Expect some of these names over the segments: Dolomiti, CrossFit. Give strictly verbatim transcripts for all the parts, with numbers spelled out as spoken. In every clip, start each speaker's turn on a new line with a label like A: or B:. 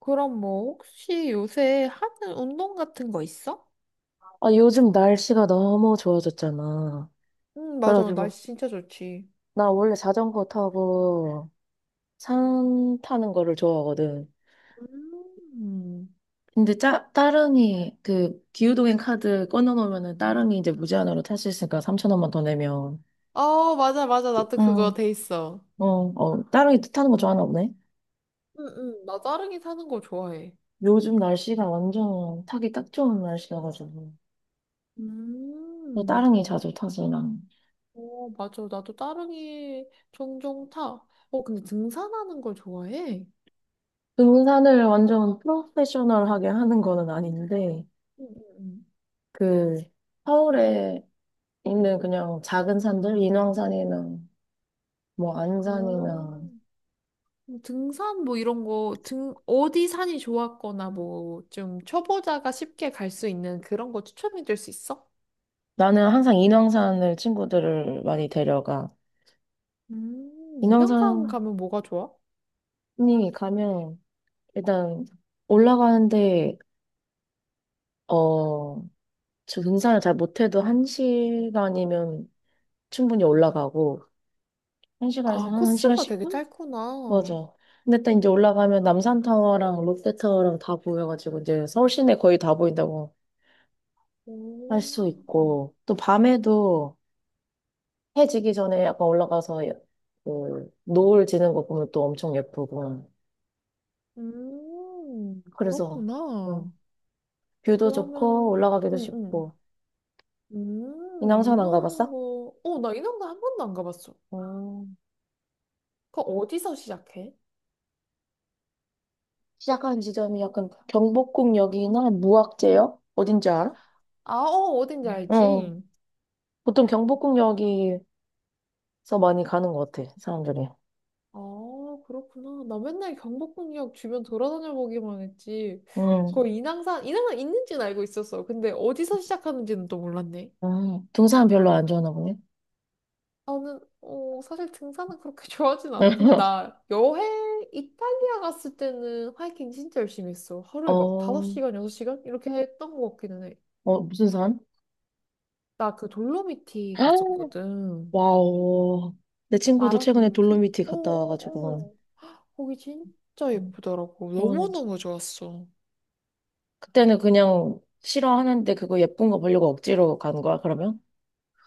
A: 그럼 뭐 혹시 요새 하는 운동 같은 거 있어?
B: 아, 요즘 날씨가 너무 좋아졌잖아.
A: 응, 맞아.
B: 그래가지고,
A: 날씨 진짜 좋지.
B: 나 원래 자전거 타고 산 타는 거를 좋아하거든.
A: 음,
B: 근데 짜, 따릉이, 그, 기후동행 카드 꺼내놓으면은 따릉이 이제 무제한으로 탈 수 있으니까 삼천 원만 더 내면.
A: 어, 맞아, 맞아. 나 또 그거
B: 응,
A: 돼 있어.
B: 어, 어, 따릉이 타는 거 좋아하나 보네.
A: 응, 응. 나 따릉이 타는 거 좋아해.
B: 요즘 날씨가 완전 타기 딱 좋은 날씨여가지고. 또
A: 음,
B: 따릉이 자주 타지, 난.
A: 어, 맞아. 나도 따릉이 종종 타. 어, 근데 등산하는 걸 좋아해?
B: 등산을 완전 프로페셔널하게 하는 거는 아닌데,
A: 응응.
B: 그, 서울에 있는 그냥 작은 산들, 인왕산이나 뭐
A: 어,
B: 안산이나.
A: 그럼 등산 뭐 이런 거, 등, 어디 산이 좋았거나 뭐 좀 초보자가 쉽게 갈 수 있는 그런 거 추천해 줄 수 있어?
B: 나는 항상 인왕산을 친구들을 많이 데려가.
A: 음,
B: 인왕산이
A: 인왕산 가면 뭐가 좋아?
B: 가면 일단 올라가는데 어, 저 등산을 잘 못해도 한 시간이면 충분히 올라가고 한 시간에서
A: 아,
B: 한 1시간
A: 코스가 되게
B: 십 분?
A: 짧구나.
B: 맞아. 근데 딱 이제 올라가면 남산타워랑 롯데타워랑 다 보여가지고 이제 서울 시내 거의 다 보인다고
A: 오,
B: 할 수 있고 또 밤에도 해 지기 전에 약간 올라가서 그 노을 지는 거 보면 또 엄청 예쁘고.
A: 음,
B: 그래서
A: 그렇구나.
B: 음, 뷰도 좋고
A: 그러면,
B: 올라가기도
A: 응, 응.
B: 쉽고.
A: 음,
B: 인왕산 안
A: 운동하는
B: 가봤어?
A: 거. 어, 나 인왕산 한 번도 안 가봤어.
B: 음.
A: 그거 어디서 시작해?
B: 시작한 지점이 약간 경복궁역이나 무악재역? 어딘지 알아?
A: 아, 어, 어딘지
B: 응,
A: 알지?
B: 보통 경복궁역에서 많이 가는 것 같아, 사람들이.
A: 아, 그렇구나. 나 맨날 경복궁역 주변 돌아다녀 보기만 했지.
B: 응,
A: 그 인왕산, 인왕산 있는지는 알고 있었어. 근데 어디서 시작하는지는 또 몰랐네.
B: 음, 등산 별로 안 좋아하나 보네.
A: 나는 어, 사실 등산은 그렇게 좋아하진 않아. 근데 나 여행 이탈리아 갔을 때는 하이킹 진짜 열심히 했어. 하루에 막
B: 어,
A: 다섯 시간, 여섯 시간 이렇게 했던 것 같기는 해.
B: 어, 무슨 산?
A: 나 그 돌로미티 갔었거든.
B: 와우. 내 친구도
A: 알아,
B: 최근에
A: 돌로미티?
B: 돌로미티 갔다 와가지고.
A: 어어어. 거기 진짜
B: 음.
A: 예쁘더라고.
B: 그러네.
A: 너무너무 좋았어.
B: 그때는 그냥 싫어하는데 그거 예쁜 거 보려고 억지로 간 거야, 그러면?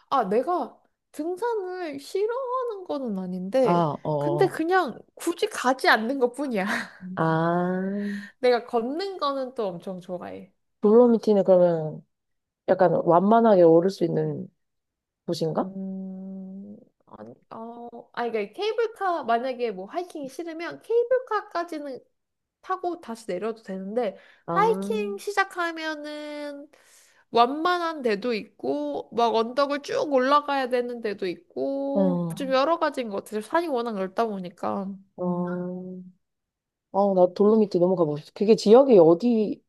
A: 아, 내가 등산을 싫어하는 거는 아닌데,
B: 아,
A: 근데
B: 어.
A: 그냥 굳이 가지 않는 것뿐이야.
B: 아,
A: 내가 걷는 거는 또 엄청 좋아해.
B: 돌로미티는 그러면 약간 완만하게 오를 수 있는 곳인가?
A: 음, 아니, 어, 아니, 그러니까 케이블카, 만약에 뭐 하이킹이 싫으면 케이블카까지는 타고 다시 내려도 되는데, 하이킹
B: 아,
A: 시작하면은 완만한 데도 있고, 막 언덕을 쭉 올라가야 되는 데도 있고, 좀
B: 응.
A: 여러 가지인 것 같아요. 산이 워낙 넓다 보니까.
B: 어, 아, 나 돌로미티 너무 가보고 싶어. 그게 지역이 어디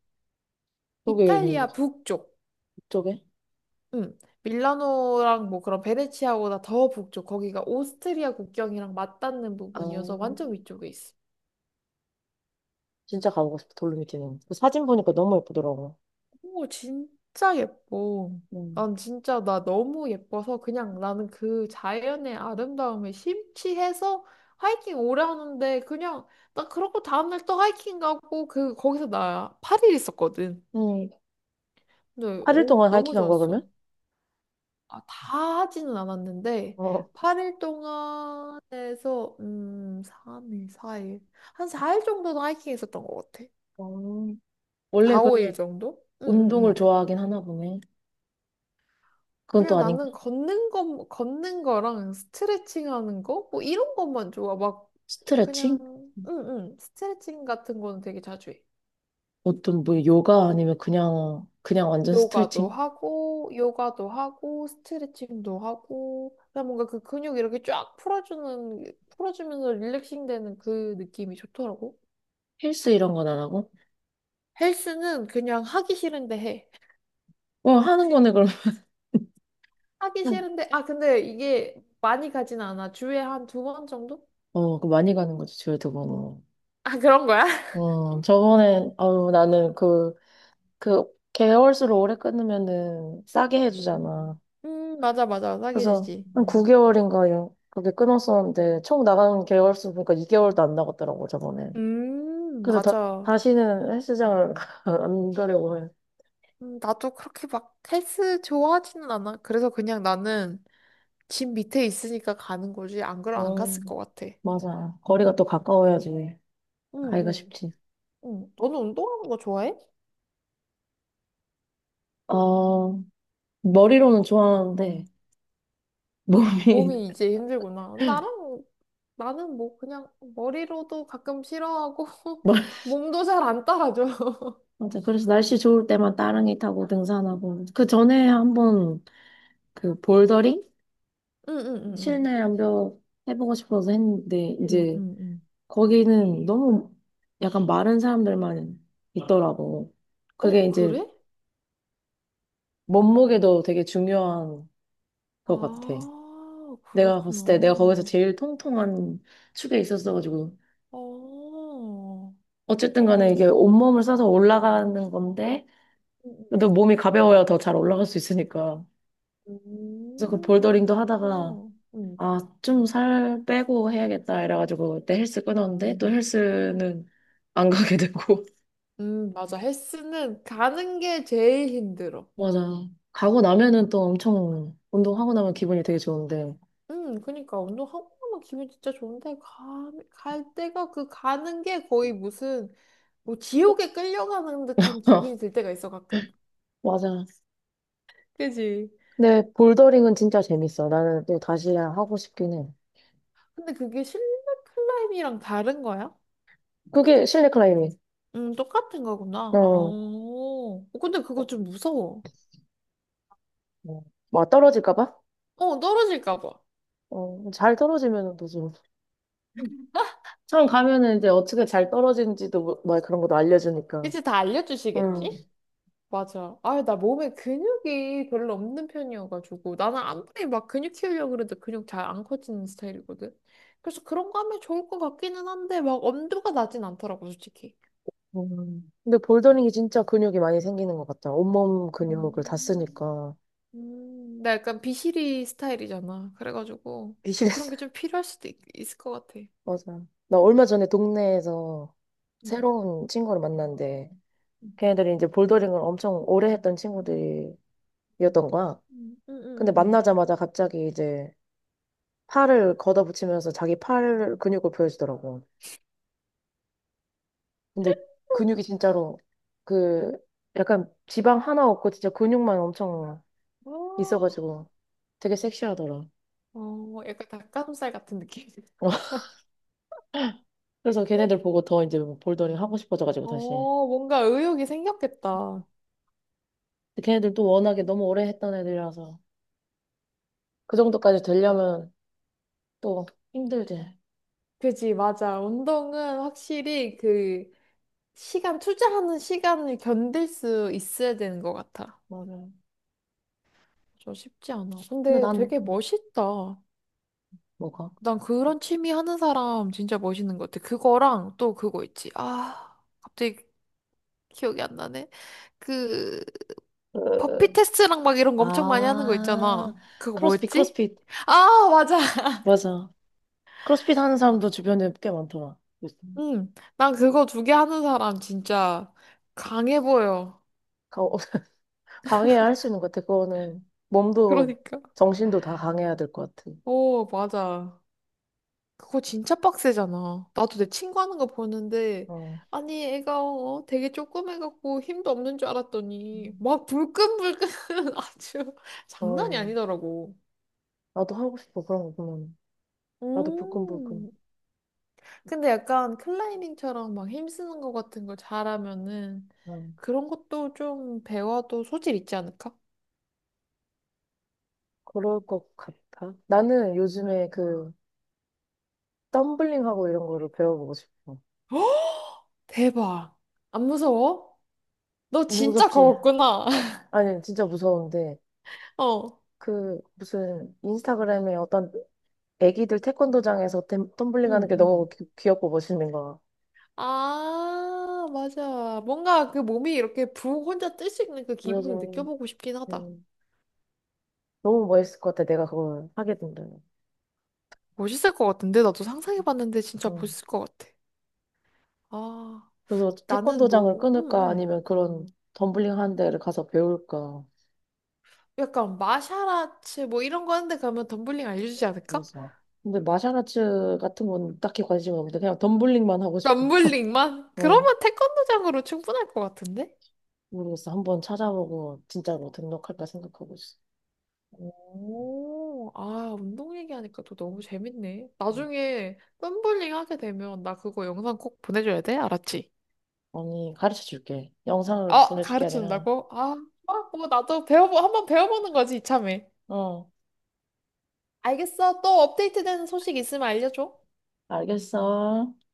B: 쪽에 있는
A: 이탈리아
B: 거지?
A: 북쪽,
B: 북쪽에?
A: 음, 밀라노랑 뭐 그런 베네치아보다 더 북쪽, 거기가 오스트리아 국경이랑 맞닿는
B: 아,
A: 부분이어서 완전 위쪽에 있어.
B: 진짜 가보고 싶어, 돌로미티는. 그 사진 보니까 너무 예쁘더라고.
A: 오, 진짜 예뻐.
B: 음,
A: 난 진짜 나 너무 예뻐서 그냥 나는 그 자연의 아름다움에 심취해서 하이킹 오래 하는데 그냥 나 그러고 다음날 또 하이킹 가고 그 거기서 나 팔 일 있었거든.
B: 응.
A: 근데
B: 팔 일
A: 오,
B: 동안
A: 너무
B: 하이킹 한 거야, 그러면?
A: 좋았어. 아, 다 하지는 않았는데
B: 어.
A: 팔 일 동안에서 음, 삼 일, 사 일. 한 사 일 정도는 하이킹 했었던 것 같아.
B: 어, 원래
A: 사,
B: 그러면
A: 오 일 정도? 응, 응,
B: 운동을
A: 응.
B: 좋아하긴 하나 보네. 그건 또
A: 그냥
B: 아닌가?
A: 나는 걷는 거, 걷는 거랑 스트레칭 하는 거? 뭐 이런 것만 좋아. 막, 그냥,
B: 스트레칭?
A: 응, 응. 스트레칭 같은 거는 되게 자주 해.
B: 어떤 뭐 요가 아니면 그냥 그냥 완전
A: 요가도
B: 스트레칭?
A: 하고, 요가도 하고, 스트레칭도 하고, 그냥 뭔가 그 근육 이렇게 쫙 풀어주는, 풀어주면서 릴렉싱 되는 그 느낌이 좋더라고.
B: 헬스 이런 건 안 하고?
A: 헬스는 그냥 하기 싫은데 해.
B: 어, 하는 거네 그럼.
A: 하기 싫은데, 아, 근데 이게 많이 가진 않아. 주에 한 두 번 정도?
B: 어, 그거 많이 가는 거지 주에 두 번.
A: 아, 그런 거야?
B: 어 저번에 아유 나는 그 그 개월수로 오래 끊으면은 싸게
A: 응,
B: 해주잖아.
A: 응. 음, 맞아, 맞아. 사귀지
B: 그래서
A: 지
B: 한 구 개월인가 요 그렇게 끊었었는데 총 나가는 개월수 보니까 이 개월도 안 나갔더라고 저번에.
A: 음,
B: 그래서 다,
A: 맞아.
B: 다시는 헬스장을 안 가려고 해.
A: 음, 나도 그렇게 막 헬스 좋아하지는 않아. 그래서 그냥 나는 집 밑에 있으니까 가는 거지. 안 그럼 안
B: 어.
A: 갔을 것 같아.
B: 맞아. 거리가 또 가까워야지
A: 응,
B: 가기가
A: 응.
B: 쉽지.
A: 응. 너는 운동하는 거 좋아해?
B: 어, 머리로는 좋아하는데
A: 아,
B: 몸이
A: 몸이 이제 힘들구나. 나랑, 나는 뭐 그냥 머리로도 가끔 싫어하고,
B: 멀-
A: 몸도 잘 안 따라줘.
B: 맞아. 그래서 날씨 좋을 때만 따릉이 타고 등산하고 그 전에 한번 그 볼더링
A: 응, 응, 응, 응.
B: 실내 암벽 해보고 싶어서 했는데
A: 응,
B: 이제
A: 응, 응.
B: 거기는 너무 약간 마른 사람들만 있더라고.
A: 어,
B: 그게 이제
A: 그래?
B: 몸무게도 되게 중요한 것 같아.
A: 아,
B: 내가 봤을 때 내가 거기서
A: 그렇구나.
B: 제일 통통한 축에 있었어가지고.
A: 어,
B: 어쨌든 간에 이게
A: 어.
B: 온몸을 써서 올라가는 건데, 그래도 몸이 가벼워야 더 잘 올라갈 수 있으니까. 그래서 그
A: 음,
B: 볼더링도 하다가,
A: 그렇구나. 음.
B: 아, 좀 살 빼고 해야겠다. 이래가지고 그때 헬스 끊었는데, 또 헬스는 안 가게 되고.
A: 음, 맞아. 헬스는 가는 게 제일 힘들어.
B: 맞아. 가고 나면은 또 엄청, 운동하고 나면 기분이 되게 좋은데.
A: 음, 그니까 운동하고 나면 기분 진짜 좋은데 가, 갈 때가 그 가는 게 거의 무슨 뭐 지옥에 끌려가는 듯한 기분이 들 때가 있어 가끔.
B: 맞아.
A: 그지?
B: 근데 볼더링은 진짜 재밌어. 나는 또 다시 하고 싶긴 해.
A: 근데 그게 실내 클라이밍이랑 다른 거야?
B: 그게 실내 클라이밍.
A: 음, 똑같은
B: 어,
A: 거구나. 아,
B: 어.
A: 어, 근데 그거 좀 무서워.
B: 막 떨어질까 봐?
A: 어, 떨어질까 봐.
B: 어, 잘 떨어지면 또 처음 가면은 이제 어떻게 잘 떨어지는지도 뭐- 막 그런 것도 알려주니까.
A: 이제 다
B: 응.
A: 알려주시겠지? 맞아. 아, 나 몸에 근육이 별로 없는 편이어가지고 나는 아무리 막 근육 키우려고 그래도 근육 잘 안 커지는 스타일이거든. 그래서 그런 거 하면 좋을 것 같기는 한데 막 엄두가 나진 않더라고, 솔직히.
B: 음. 근데 볼더링이 진짜 근육이 많이 생기는 것 같아. 온몸 근육을 다
A: 음.
B: 쓰니까.
A: 음, 나 약간 비실이 스타일이잖아. 그래가지고
B: 미실했
A: 그런
B: 어
A: 게 좀 필요할 수도 있, 있을 것 같아.
B: 맞아. 나 얼마 전에 동네에서
A: 음.
B: 새로운 친구를 만났는데,
A: 음,
B: 걔네들이 이제 볼더링을 엄청 오래 했던 친구들이었던 거야.
A: 음,
B: 근데
A: 음,
B: 만나자마자 갑자기 이제 팔을 걷어붙이면서 자기 팔 근육을 보여주더라고. 근데 근육이 진짜로 그 약간 지방 하나 없고 진짜 근육만 엄청
A: 어, 음.
B: 있어가지고 되게 섹시하더라.
A: 어, 어, 약간 닭가슴살 같은 느낌.
B: 그래서 걔네들 보고 더 이제 뭐 볼더링 하고 싶어져가지고
A: 어,
B: 다시.
A: 뭔가 의욕이 생겼겠다.
B: 근데 걔네들 또 워낙에 너무 오래 했던 애들이라서 그 정도까지 되려면 또 힘들지.
A: 그지, 맞아. 운동은 확실히 그 시간, 투자하는 시간을 견딜 수 있어야 되는 것 같아.
B: 맞아.
A: 저 쉽지 않아.
B: 근데
A: 근데
B: 난
A: 되게
B: 음,
A: 멋있다.
B: 뭐가?
A: 난 그런 취미 하는 사람 진짜 멋있는 것 같아. 그거랑 또 그거 있지. 아, 갑자기 기억이 안 나네. 그,
B: 으.
A: 버피 테스트랑 막 이런 거 엄청 많이 하는 거
B: 아,
A: 있잖아. 그거
B: 크로스핏
A: 뭐였지?
B: 크로스핏
A: 아, 맞아.
B: 맞아. 크로스핏 하는 사람도 주변에 꽤 많더라. 요즘.
A: 응, 난 그거 두 개 하는 사람 진짜 강해 보여.
B: 가- 어, 강해야 할 수 있는 것 같아. 그거는 몸도
A: 그러니까.
B: 정신도 다 강해야 될 것 같아.
A: 오, 맞아. 그거 진짜 빡세잖아. 나도 내 친구 하는 거 보는데,
B: 어,
A: 아니, 애가 어, 되게 조그매갖고 힘도 없는 줄 알았더니, 막 불끈불끈 아주 장난이
B: 어,
A: 아니더라고.
B: 나도 하고 싶어. 그런 거 보면 나도 불끈불끈.
A: 음. 근데 약간 클라이밍처럼 막 힘쓰는 거 같은 걸 잘하면은
B: 어,
A: 그런 것도 좀 배워도 소질 있지 않을까?
B: 그럴 것 같아. 나는 요즘에 그 덤블링하고 이런 거를 배워보고 싶어.
A: 대박. 안 무서워? 너 진짜
B: 무섭지?
A: 거웠구나.
B: 아니 진짜 무서운데
A: 어.
B: 그 무슨 인스타그램에 어떤 애기들 태권도장에서 덤- 덤블링하는
A: 응,
B: 게
A: 응.
B: 너무 귀, 귀엽고 멋있는 거야.
A: 아, 맞아. 뭔가 그 몸이 이렇게 붕 혼자 뜰 수 있는 그 기분을
B: 그래서
A: 느껴보고 싶긴 하다.
B: 음, 너무 멋있을 것 같아. 내가 그걸 하게 된다면.
A: 멋있을 것 같은데? 나도 상상해봤는데 진짜
B: 어.
A: 멋있을 것 같아. 아,
B: 그래서
A: 나는
B: 태권도장을
A: 뭐, 응
B: 끊을까
A: 응
B: 아니면 그런 덤블링 하는 데를 가서 배울까.
A: 약간 마샤라츠 뭐 이런 거 하는데 가면 덤블링 알려주지 않을까?
B: 그래서. 근데 마샬아츠 같은 건 딱히 관심이 없는데 그냥 덤블링만 하고 싶어.
A: 덤블링만?
B: 어,
A: 그러면 태권도장으로 충분할 것 같은데?
B: 모르겠어. 한번 찾아보고 진짜로 등록할까 생각하고 있어.
A: 오, 아, 운동 얘기하니까 또 너무 재밌네.
B: 응.
A: 나중에 덤블링 하게 되면 나 그거 영상 꼭 보내줘야 돼? 알았지?
B: 언니 가르쳐 줄게. 영상을
A: 어,
B: 보내줄 게 아니라.
A: 가르쳐준다고? 아, 어, 뭐 나도 배워보 한번 배워보는 거지 이참에.
B: 어,
A: 알겠어. 또 업데이트되는 소식 있으면 알려줘.
B: 알겠어.